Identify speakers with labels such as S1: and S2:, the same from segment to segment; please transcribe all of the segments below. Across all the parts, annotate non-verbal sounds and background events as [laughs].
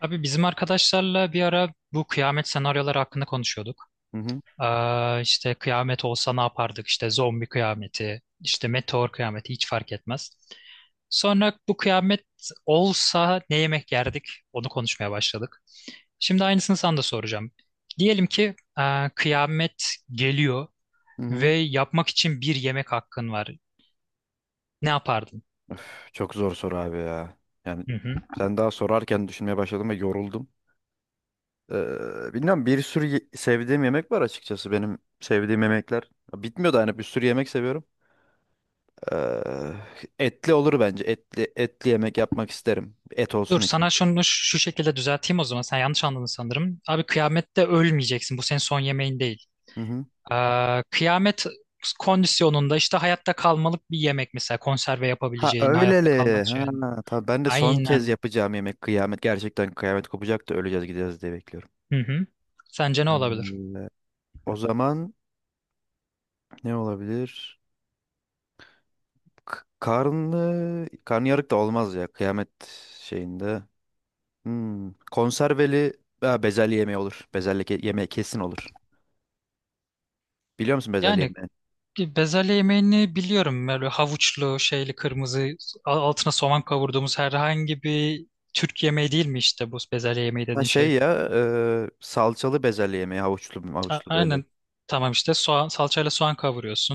S1: Abi bizim arkadaşlarla bir ara bu kıyamet senaryoları hakkında konuşuyorduk.
S2: Hı hı,
S1: İşte kıyamet olsa ne yapardık? İşte zombi kıyameti, işte meteor kıyameti hiç fark etmez. Sonra bu kıyamet olsa ne yemek yerdik? Onu konuşmaya başladık. Şimdi aynısını sana da soracağım. Diyelim ki kıyamet geliyor
S2: hı
S1: ve
S2: hı.
S1: yapmak için bir yemek hakkın var. Ne yapardın?
S2: Çok zor soru abi ya. Yani
S1: Hı hı.
S2: sen daha sorarken düşünmeye başladım ve yoruldum. Bilmiyorum, bir sürü sevdiğim yemek var, açıkçası benim sevdiğim yemekler. Bitmiyor da hani, bir sürü yemek seviyorum. Ee, Etli olur bence. Etli etli yemek yapmak isterim. Et
S1: Dur
S2: olsun içinde.
S1: sana şunu şu şekilde düzelteyim o zaman. Sen yanlış anladın sanırım. Abi kıyamette ölmeyeceksin. Bu senin son yemeğin değil.
S2: Hı hı.
S1: Kıyamet kondisyonunda işte hayatta kalmalık bir yemek mesela. Konserve
S2: Ha
S1: yapabileceğin, hayatta kalmak
S2: öyleli.
S1: için.
S2: Ha tabii, ben de son kez
S1: Aynen.
S2: yapacağım yemek kıyamet. Gerçekten kıyamet kopacak da öleceğiz gideceğiz diye bekliyorum.
S1: Hı hı. Sence ne olabilir?
S2: Ee, O zaman ne olabilir? Karnı karnıyarık da olmaz ya kıyamet şeyinde. Hmm. Konserveli ha, bezelye yemeği olur. Bezelye yemeği kesin olur. Biliyor musun bezelye
S1: Yani
S2: yemeği?
S1: bezelye yemeğini biliyorum. Böyle havuçlu, şeyli, kırmızı, altına soğan kavurduğumuz herhangi bir Türk yemeği değil mi işte bu bezelye yemeği
S2: Ha
S1: dediğin şey?
S2: şey ya, salçalı bezelye yemeği, havuçlu
S1: A-
S2: havuçlu böyle.
S1: Aynen. Tamam işte soğan, salçayla soğan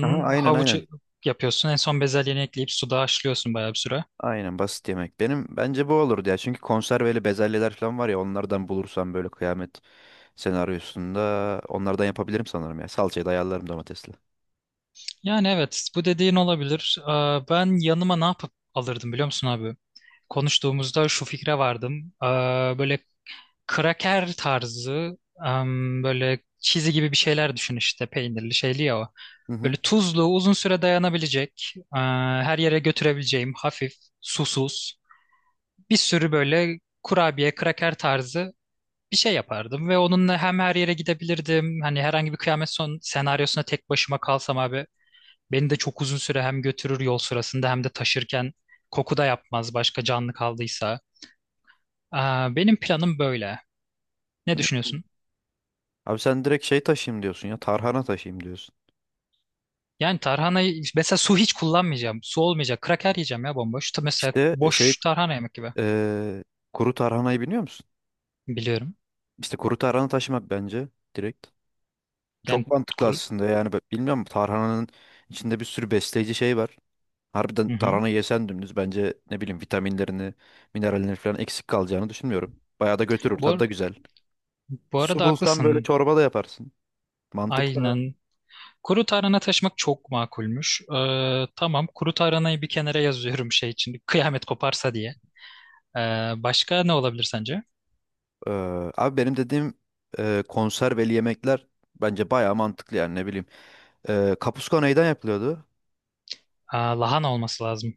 S2: Aha aynen
S1: Havuç
S2: aynen.
S1: yapıyorsun. En son bezelyeni ekleyip suda haşlıyorsun bayağı bir süre.
S2: Aynen, basit yemek. Benim bence bu olurdu ya. Çünkü konserveli bezelyeler falan var ya, onlardan bulursam böyle kıyamet senaryosunda onlardan yapabilirim sanırım ya. Salçayı da ayarlarım domatesle.
S1: Yani evet bu dediğin olabilir. Aa, ben yanıma ne yapıp alırdım biliyor musun abi? Konuştuğumuzda şu fikre vardım. Aa, böyle kraker tarzı, böyle çizi gibi bir şeyler düşün işte peynirli şeyli ya o.
S2: Hı hı.
S1: Böyle tuzlu uzun süre dayanabilecek, aa, her yere götürebileceğim hafif, susuz, bir sürü böyle kurabiye kraker tarzı bir şey yapardım ve onunla hem her yere gidebilirdim. Hani herhangi bir kıyamet son senaryosuna tek başıma kalsam abi beni de çok uzun süre hem götürür yol sırasında hem de taşırken koku da yapmaz başka canlı kaldıysa. Aa, benim planım böyle. Ne
S2: Hı.
S1: düşünüyorsun?
S2: Abi sen direkt şey taşıyayım diyorsun ya. Tarhana taşıyayım diyorsun.
S1: Yani tarhanayı mesela su hiç kullanmayacağım. Su olmayacak. Kraker yiyeceğim ya bomboş. Ta- Mesela
S2: İşte şey
S1: boş tarhana yemek gibi.
S2: eee, kuru tarhanayı biliyor musun?
S1: Biliyorum.
S2: İşte kuru tarhana taşımak bence, direkt. Çok
S1: Yani
S2: mantıklı
S1: kuru...
S2: aslında, yani ben bilmiyorum, tarhananın içinde bir sürü besleyici şey var. Harbiden
S1: Hı hı.
S2: tarhana yesen dümdüz, bence ne bileyim, vitaminlerini, minerallerini falan eksik kalacağını düşünmüyorum. Bayağı da götürür, tadı da
S1: Bu,
S2: güzel.
S1: bu
S2: Su
S1: arada
S2: bulsan böyle
S1: haklısın.
S2: çorba da yaparsın. Mantıklı.
S1: Aynen. Kuru tarhana taşımak çok makulmüş. Tamam kuru tarhanayı bir kenara yazıyorum şey için kıyamet koparsa diye. Ee, Başka ne olabilir sence?
S2: Abi benim dediğim konserveli yemekler bence bayağı mantıklı, yani ne bileyim. Kapuska neyden yapılıyordu?
S1: Aa, lahana olması lazım.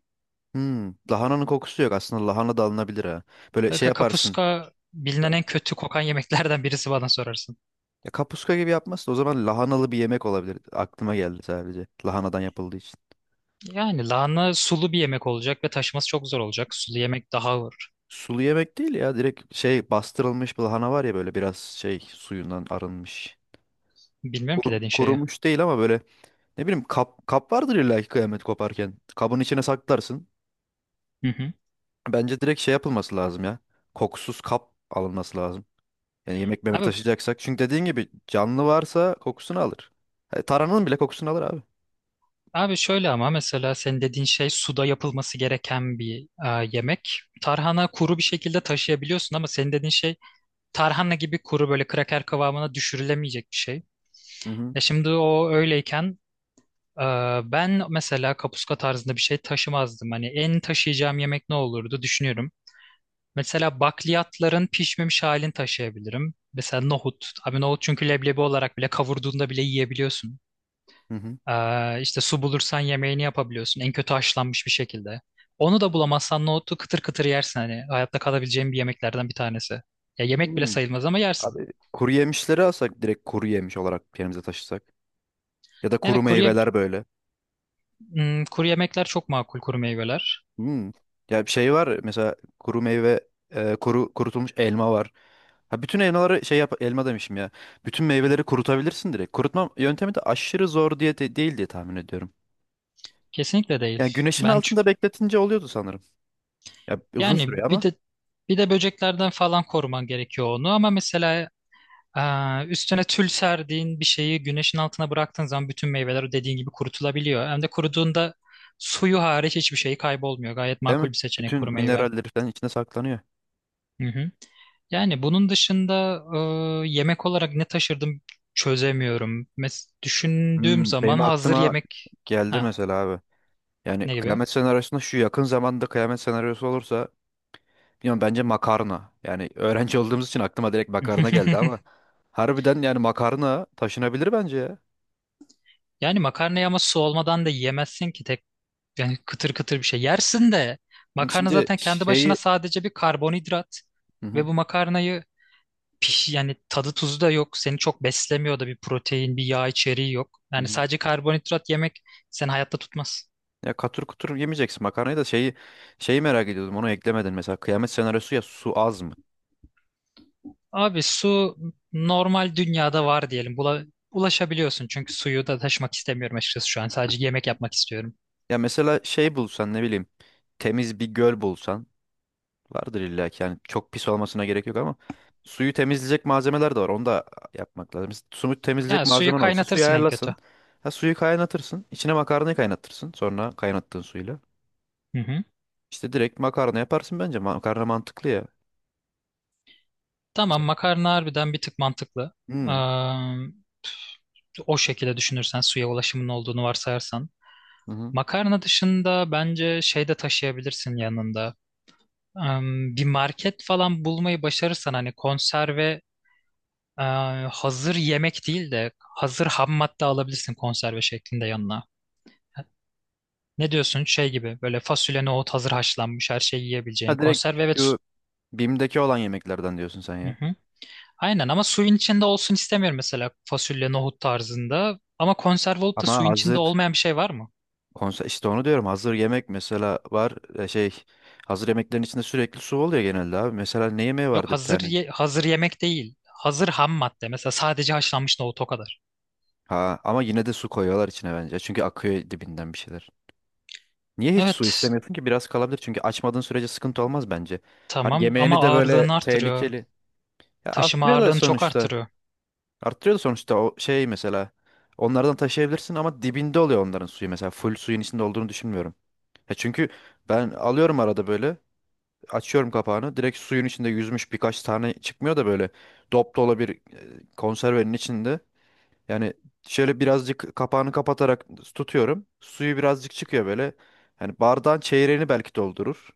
S2: Hmm, lahananın kokusu yok. Aslında lahana da alınabilir ha. Böyle şey
S1: Kanka,
S2: yaparsın.
S1: kapuska bilinen en kötü kokan yemeklerden [laughs] birisi bana sorarsın.
S2: Ya kapuska gibi yapmazsın. O zaman lahanalı bir yemek olabilir. Aklıma geldi sadece. Lahanadan yapıldığı için.
S1: Yani lahana sulu bir yemek olacak ve taşıması çok zor olacak. Sulu yemek daha ağır.
S2: Sulu yemek değil ya. Direkt şey, bastırılmış bir lahana var ya böyle, biraz şey suyundan arınmış.
S1: Bilmiyorum ki dediğin şeyi.
S2: Kurumuş değil ama böyle, ne bileyim kap vardır illa ki kıyamet koparken. Kabın içine saklarsın.
S1: Hı hı.
S2: Bence direkt şey yapılması lazım ya. Kokusuz kap alınması lazım. Yani yemek memek
S1: Abi
S2: taşıyacaksak. Çünkü dediğin gibi canlı varsa kokusunu alır. E, taranın bile kokusunu alır abi.
S1: Abi şöyle ama mesela senin dediğin şey suda yapılması gereken bir yemek. Tarhana kuru bir şekilde taşıyabiliyorsun ama senin dediğin şey tarhana gibi kuru böyle kraker kıvamına düşürülemeyecek bir şey.
S2: Hı hı.
S1: E şimdi o öyleyken, e, ben mesela kapuska tarzında bir şey taşımazdım. Hani en taşıyacağım yemek ne olurdu düşünüyorum. Mesela bakliyatların pişmemiş halini taşıyabilirim. Mesela nohut. Abi nohut çünkü leblebi olarak bile kavurduğunda bile yiyebiliyorsun.
S2: Hı hı.
S1: İşte su bulursan yemeğini yapabiliyorsun. En kötü haşlanmış bir şekilde. Onu da bulamazsan nohutu kıtır kıtır yersin hani. Hayatta kalabileceğin bir yemeklerden bir tanesi. Ya yemek bile
S2: Hmm.
S1: sayılmaz ama yersin.
S2: Abi kuru yemişleri alsak, direkt kuru yemiş olarak yerimize taşısak. Ya da
S1: Yani
S2: kuru
S1: kuru,
S2: meyveler böyle.
S1: hmm, kuru yemekler çok makul kuru meyveler.
S2: Hmm. Ya bir şey var mesela, kuru meyve, kuru kurutulmuş elma var. Ha, bütün elmaları şey yap, elma demişim ya. Bütün meyveleri kurutabilirsin direkt. Kurutma yöntemi de aşırı zor değil diye tahmin ediyorum.
S1: Kesinlikle değil.
S2: Yani güneşin
S1: Ben çü-
S2: altında bekletince oluyordu sanırım. Ya uzun
S1: yani
S2: sürüyor
S1: bir
S2: ama,
S1: de bir de böceklerden falan koruman gerekiyor onu ama mesela üstüne tül serdiğin bir şeyi güneşin altına bıraktığın zaman bütün meyveler o dediğin gibi kurutulabiliyor. Hem de kuruduğunda suyu hariç hiçbir şey kaybolmuyor. Gayet
S2: değil mi?
S1: makul bir seçenek
S2: Bütün
S1: kuru meyve.
S2: mineralleri falan içinde saklanıyor.
S1: Hı hı. Yani bunun dışında yemek olarak ne taşırdım çözemiyorum. Mes düşündüğüm
S2: Hmm,
S1: zaman
S2: benim
S1: hazır
S2: aklıma
S1: yemek.
S2: geldi
S1: Ha,
S2: mesela abi. Yani
S1: ne gibi?
S2: kıyamet senaryosunda, şu yakın zamanda kıyamet senaryosu olursa, bilmiyorum, bence makarna. Yani öğrenci olduğumuz için aklıma direkt makarna geldi ama
S1: [laughs]
S2: harbiden yani makarna taşınabilir bence ya.
S1: Yani makarnayı ama su olmadan da yiyemezsin ki tek, yani kıtır kıtır bir şey. Yersin de makarna
S2: Şimdi
S1: zaten kendi başına
S2: şeyi.
S1: sadece bir karbonhidrat
S2: Hı hı,
S1: ve bu makarnayı piş yani tadı tuzu da yok. Seni çok beslemiyor da bir protein, bir yağ içeriği yok.
S2: hı
S1: Yani
S2: hı.
S1: sadece karbonhidrat yemek seni hayatta tutmaz.
S2: Ya katır kutur yemeyeceksin makarnayı da, şeyi merak ediyordum, onu eklemedin mesela, kıyamet senaryosu ya, su az mı?
S1: Abi su normal dünyada var diyelim. Bula, ulaşabiliyorsun çünkü suyu da taşımak istemiyorum açıkçası şu an. Sadece yemek yapmak istiyorum.
S2: Ya mesela şey bulsan, ne bileyim, temiz bir göl bulsan. Vardır illa ki, yani çok pis olmasına gerek yok ama suyu temizleyecek malzemeler de var. Onu da yapmak lazım. Mesela suyu temizleyecek
S1: Ya suyu
S2: malzemen olsa suyu
S1: kaynatırsın en kötü.
S2: ayarlasın. Ha, suyu kaynatırsın. İçine makarnayı kaynatırsın. Sonra kaynattığın suyla.
S1: Hı hı.
S2: İşte direkt makarna yaparsın bence. Makarna mantıklı ya.
S1: Tamam makarna harbiden bir tık mantıklı. Ee,
S2: Hmm.
S1: O şekilde düşünürsen suya ulaşımın olduğunu varsayarsan.
S2: Hı hı.
S1: Makarna dışında bence şey de taşıyabilirsin yanında. Ee, Bir market falan bulmayı başarırsan hani konserve, e, hazır yemek değil de hazır ham madde alabilirsin konserve şeklinde yanına. Ne diyorsun? Şey gibi böyle fasulye, nohut hazır haşlanmış her şeyi
S2: Ha
S1: yiyebileceğin.
S2: direkt
S1: Konserve evet.
S2: şu BİM'deki olan yemeklerden diyorsun sen
S1: Hı
S2: ya.
S1: hı. Aynen ama suyun içinde olsun istemiyorum mesela fasulye, nohut tarzında. Ama konserve olup da
S2: Ama
S1: suyun içinde
S2: hazır
S1: olmayan bir şey var mı?
S2: konser, işte onu diyorum, hazır yemek mesela var, şey, hazır yemeklerin içinde sürekli su oluyor genelde abi. Mesela ne yemeği
S1: Yok
S2: vardı bir
S1: hazır
S2: tane?
S1: ye- hazır yemek değil. Hazır ham madde. Mesela sadece haşlanmış nohut o kadar.
S2: Ha ama yine de su koyuyorlar içine bence. Çünkü akıyor dibinden bir şeyler. Niye hiç su
S1: Evet
S2: istemiyorsun ki? Biraz kalabilir. Çünkü açmadığın sürece sıkıntı olmaz bence. Hani
S1: tamam ama
S2: yemeğini de böyle
S1: ağırlığını artırıyor.
S2: tehlikeli. Ya
S1: Taşıma
S2: arttırıyor da
S1: ağırlığını çok
S2: sonuçta.
S1: artırıyor.
S2: Arttırıyor da sonuçta o şey mesela. Onlardan taşıyabilirsin ama dibinde oluyor onların suyu mesela. Full suyun içinde olduğunu düşünmüyorum. Ya çünkü ben alıyorum arada böyle. Açıyorum kapağını. Direkt suyun içinde yüzmüş birkaç tane çıkmıyor da böyle. Dop dolu bir konservenin içinde. Yani şöyle birazcık kapağını kapatarak tutuyorum. Suyu birazcık çıkıyor böyle. Yani bardağın çeyreğini belki doldurur.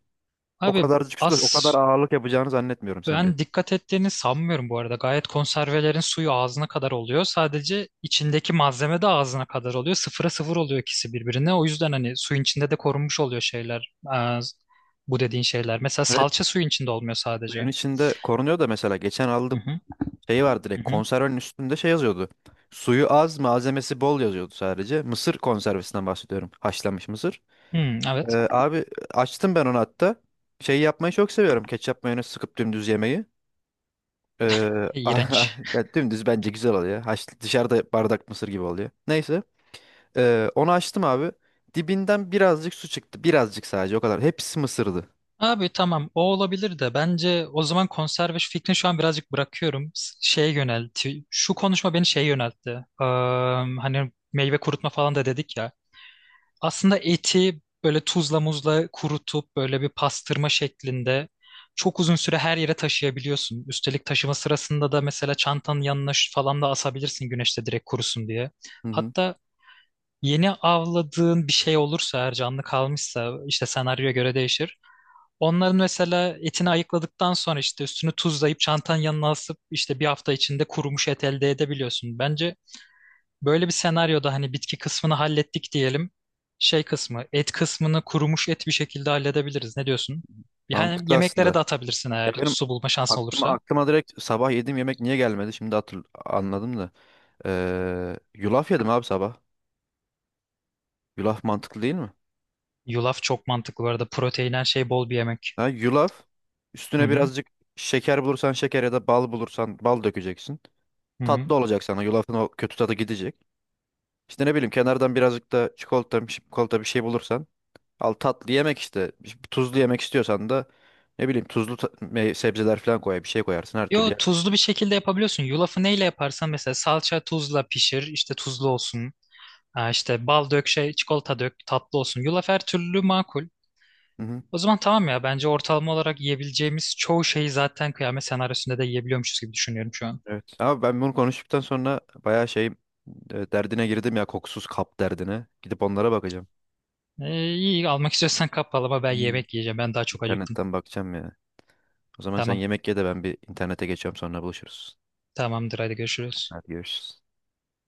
S2: O
S1: Abi
S2: kadarcık
S1: az.
S2: su da o kadar ağırlık yapacağını zannetmiyorum senin de.
S1: Ben dikkat ettiğini sanmıyorum bu arada. Gayet konservelerin suyu ağzına kadar oluyor. Sadece içindeki malzeme de ağzına kadar oluyor. Sıfıra sıfır oluyor ikisi birbirine. O yüzden hani suyun içinde de korunmuş oluyor şeyler. Bu dediğin şeyler. Mesela
S2: Evet,
S1: salça suyun içinde olmuyor
S2: suyun
S1: sadece.
S2: içinde korunuyor da, mesela geçen
S1: Hı
S2: aldım.
S1: hı,
S2: Şey var,
S1: hı
S2: direkt
S1: hı.
S2: konservenin üstünde şey yazıyordu. Suyu az, malzemesi bol yazıyordu sadece. Mısır konservesinden bahsediyorum. Haşlanmış mısır.
S1: Hmm, evet.
S2: Abi açtım ben onu hatta. Şey yapmayı çok seviyorum. Ketçap mayonez sıkıp dümdüz yemeyi. Ee,
S1: [laughs]
S2: [laughs]
S1: İğrenç.
S2: ya dümdüz bence güzel oluyor. Haş, dışarıda bardak mısır gibi oluyor. Neyse. Onu açtım abi. Dibinden birazcık su çıktı. Birazcık sadece, o kadar. Hepsi mısırdı.
S1: Abi tamam o olabilir de bence o zaman konserve şu fikrini şu an birazcık bırakıyorum. S- Şeye yöneltti. Şu konuşma beni şeye yöneltti. Ee, Hani meyve kurutma falan da dedik ya. Aslında eti böyle tuzla muzla kurutup böyle bir pastırma şeklinde çok uzun süre her yere taşıyabiliyorsun. Üstelik taşıma sırasında da mesela çantanın yanına şu- falan da asabilirsin güneşte direkt kurusun diye.
S2: Hı hı.
S1: Hatta yeni avladığın bir şey olursa eğer canlı kalmışsa işte senaryoya göre değişir. Onların mesela etini ayıkladıktan sonra işte üstünü tuzlayıp çantanın yanına asıp işte bir hafta içinde kurumuş et elde edebiliyorsun. Bence böyle bir senaryoda hani bitki kısmını hallettik diyelim. Şey kısmı, et kısmını kurumuş et bir şekilde halledebiliriz. Ne diyorsun? Yani
S2: Mantıklı
S1: yemeklere
S2: aslında.
S1: de atabilirsin
S2: Ya
S1: eğer
S2: benim
S1: su bulma şansın olursa.
S2: aklıma direkt sabah yediğim yemek niye gelmedi? Şimdi anladım da. Yulaf yedim abi sabah. Yulaf mantıklı değil mi?
S1: Yulaf çok mantıklı bu arada. Protein her şey bol bir yemek.
S2: Ha, yulaf.
S1: Hı
S2: Üstüne
S1: hı.
S2: birazcık şeker bulursan şeker, ya da bal bulursan bal dökeceksin.
S1: Hı hı.
S2: Tatlı olacak sana. Yulafın o kötü tadı gidecek. İşte ne bileyim, kenardan birazcık da çikolata, çikolata bir şey bulursan al, tatlı yemek işte. Bir tuzlu yemek istiyorsan da ne bileyim tuzlu sebzeler falan koy, bir şey koyarsın her türlü.
S1: Yo
S2: Yer.
S1: tuzlu bir şekilde yapabiliyorsun. Yulafı neyle yaparsan mesela salça tuzla pişir. İşte tuzlu olsun. Ha, işte bal dök şey çikolata dök tatlı olsun. Yulaf her türlü makul.
S2: Hı hı.
S1: O zaman tamam ya bence ortalama olarak yiyebileceğimiz çoğu şeyi zaten kıyamet senaryosunda da yiyebiliyormuşuz gibi düşünüyorum şu an.
S2: Evet. Ama ben bunu konuştuktan sonra bayağı şey, derdine girdim ya, kokusuz kap derdine. Gidip onlara bakacağım.
S1: İyi almak istiyorsan kap ama ben
S2: Hmm.
S1: yemek yiyeceğim. Ben daha çok acıktım.
S2: İnternetten bakacağım ya. O zaman sen
S1: Tamam.
S2: yemek ye de ben bir internete geçiyorum, sonra buluşuruz.
S1: Tamamdır hadi görüşürüz.
S2: Hadi görüşürüz.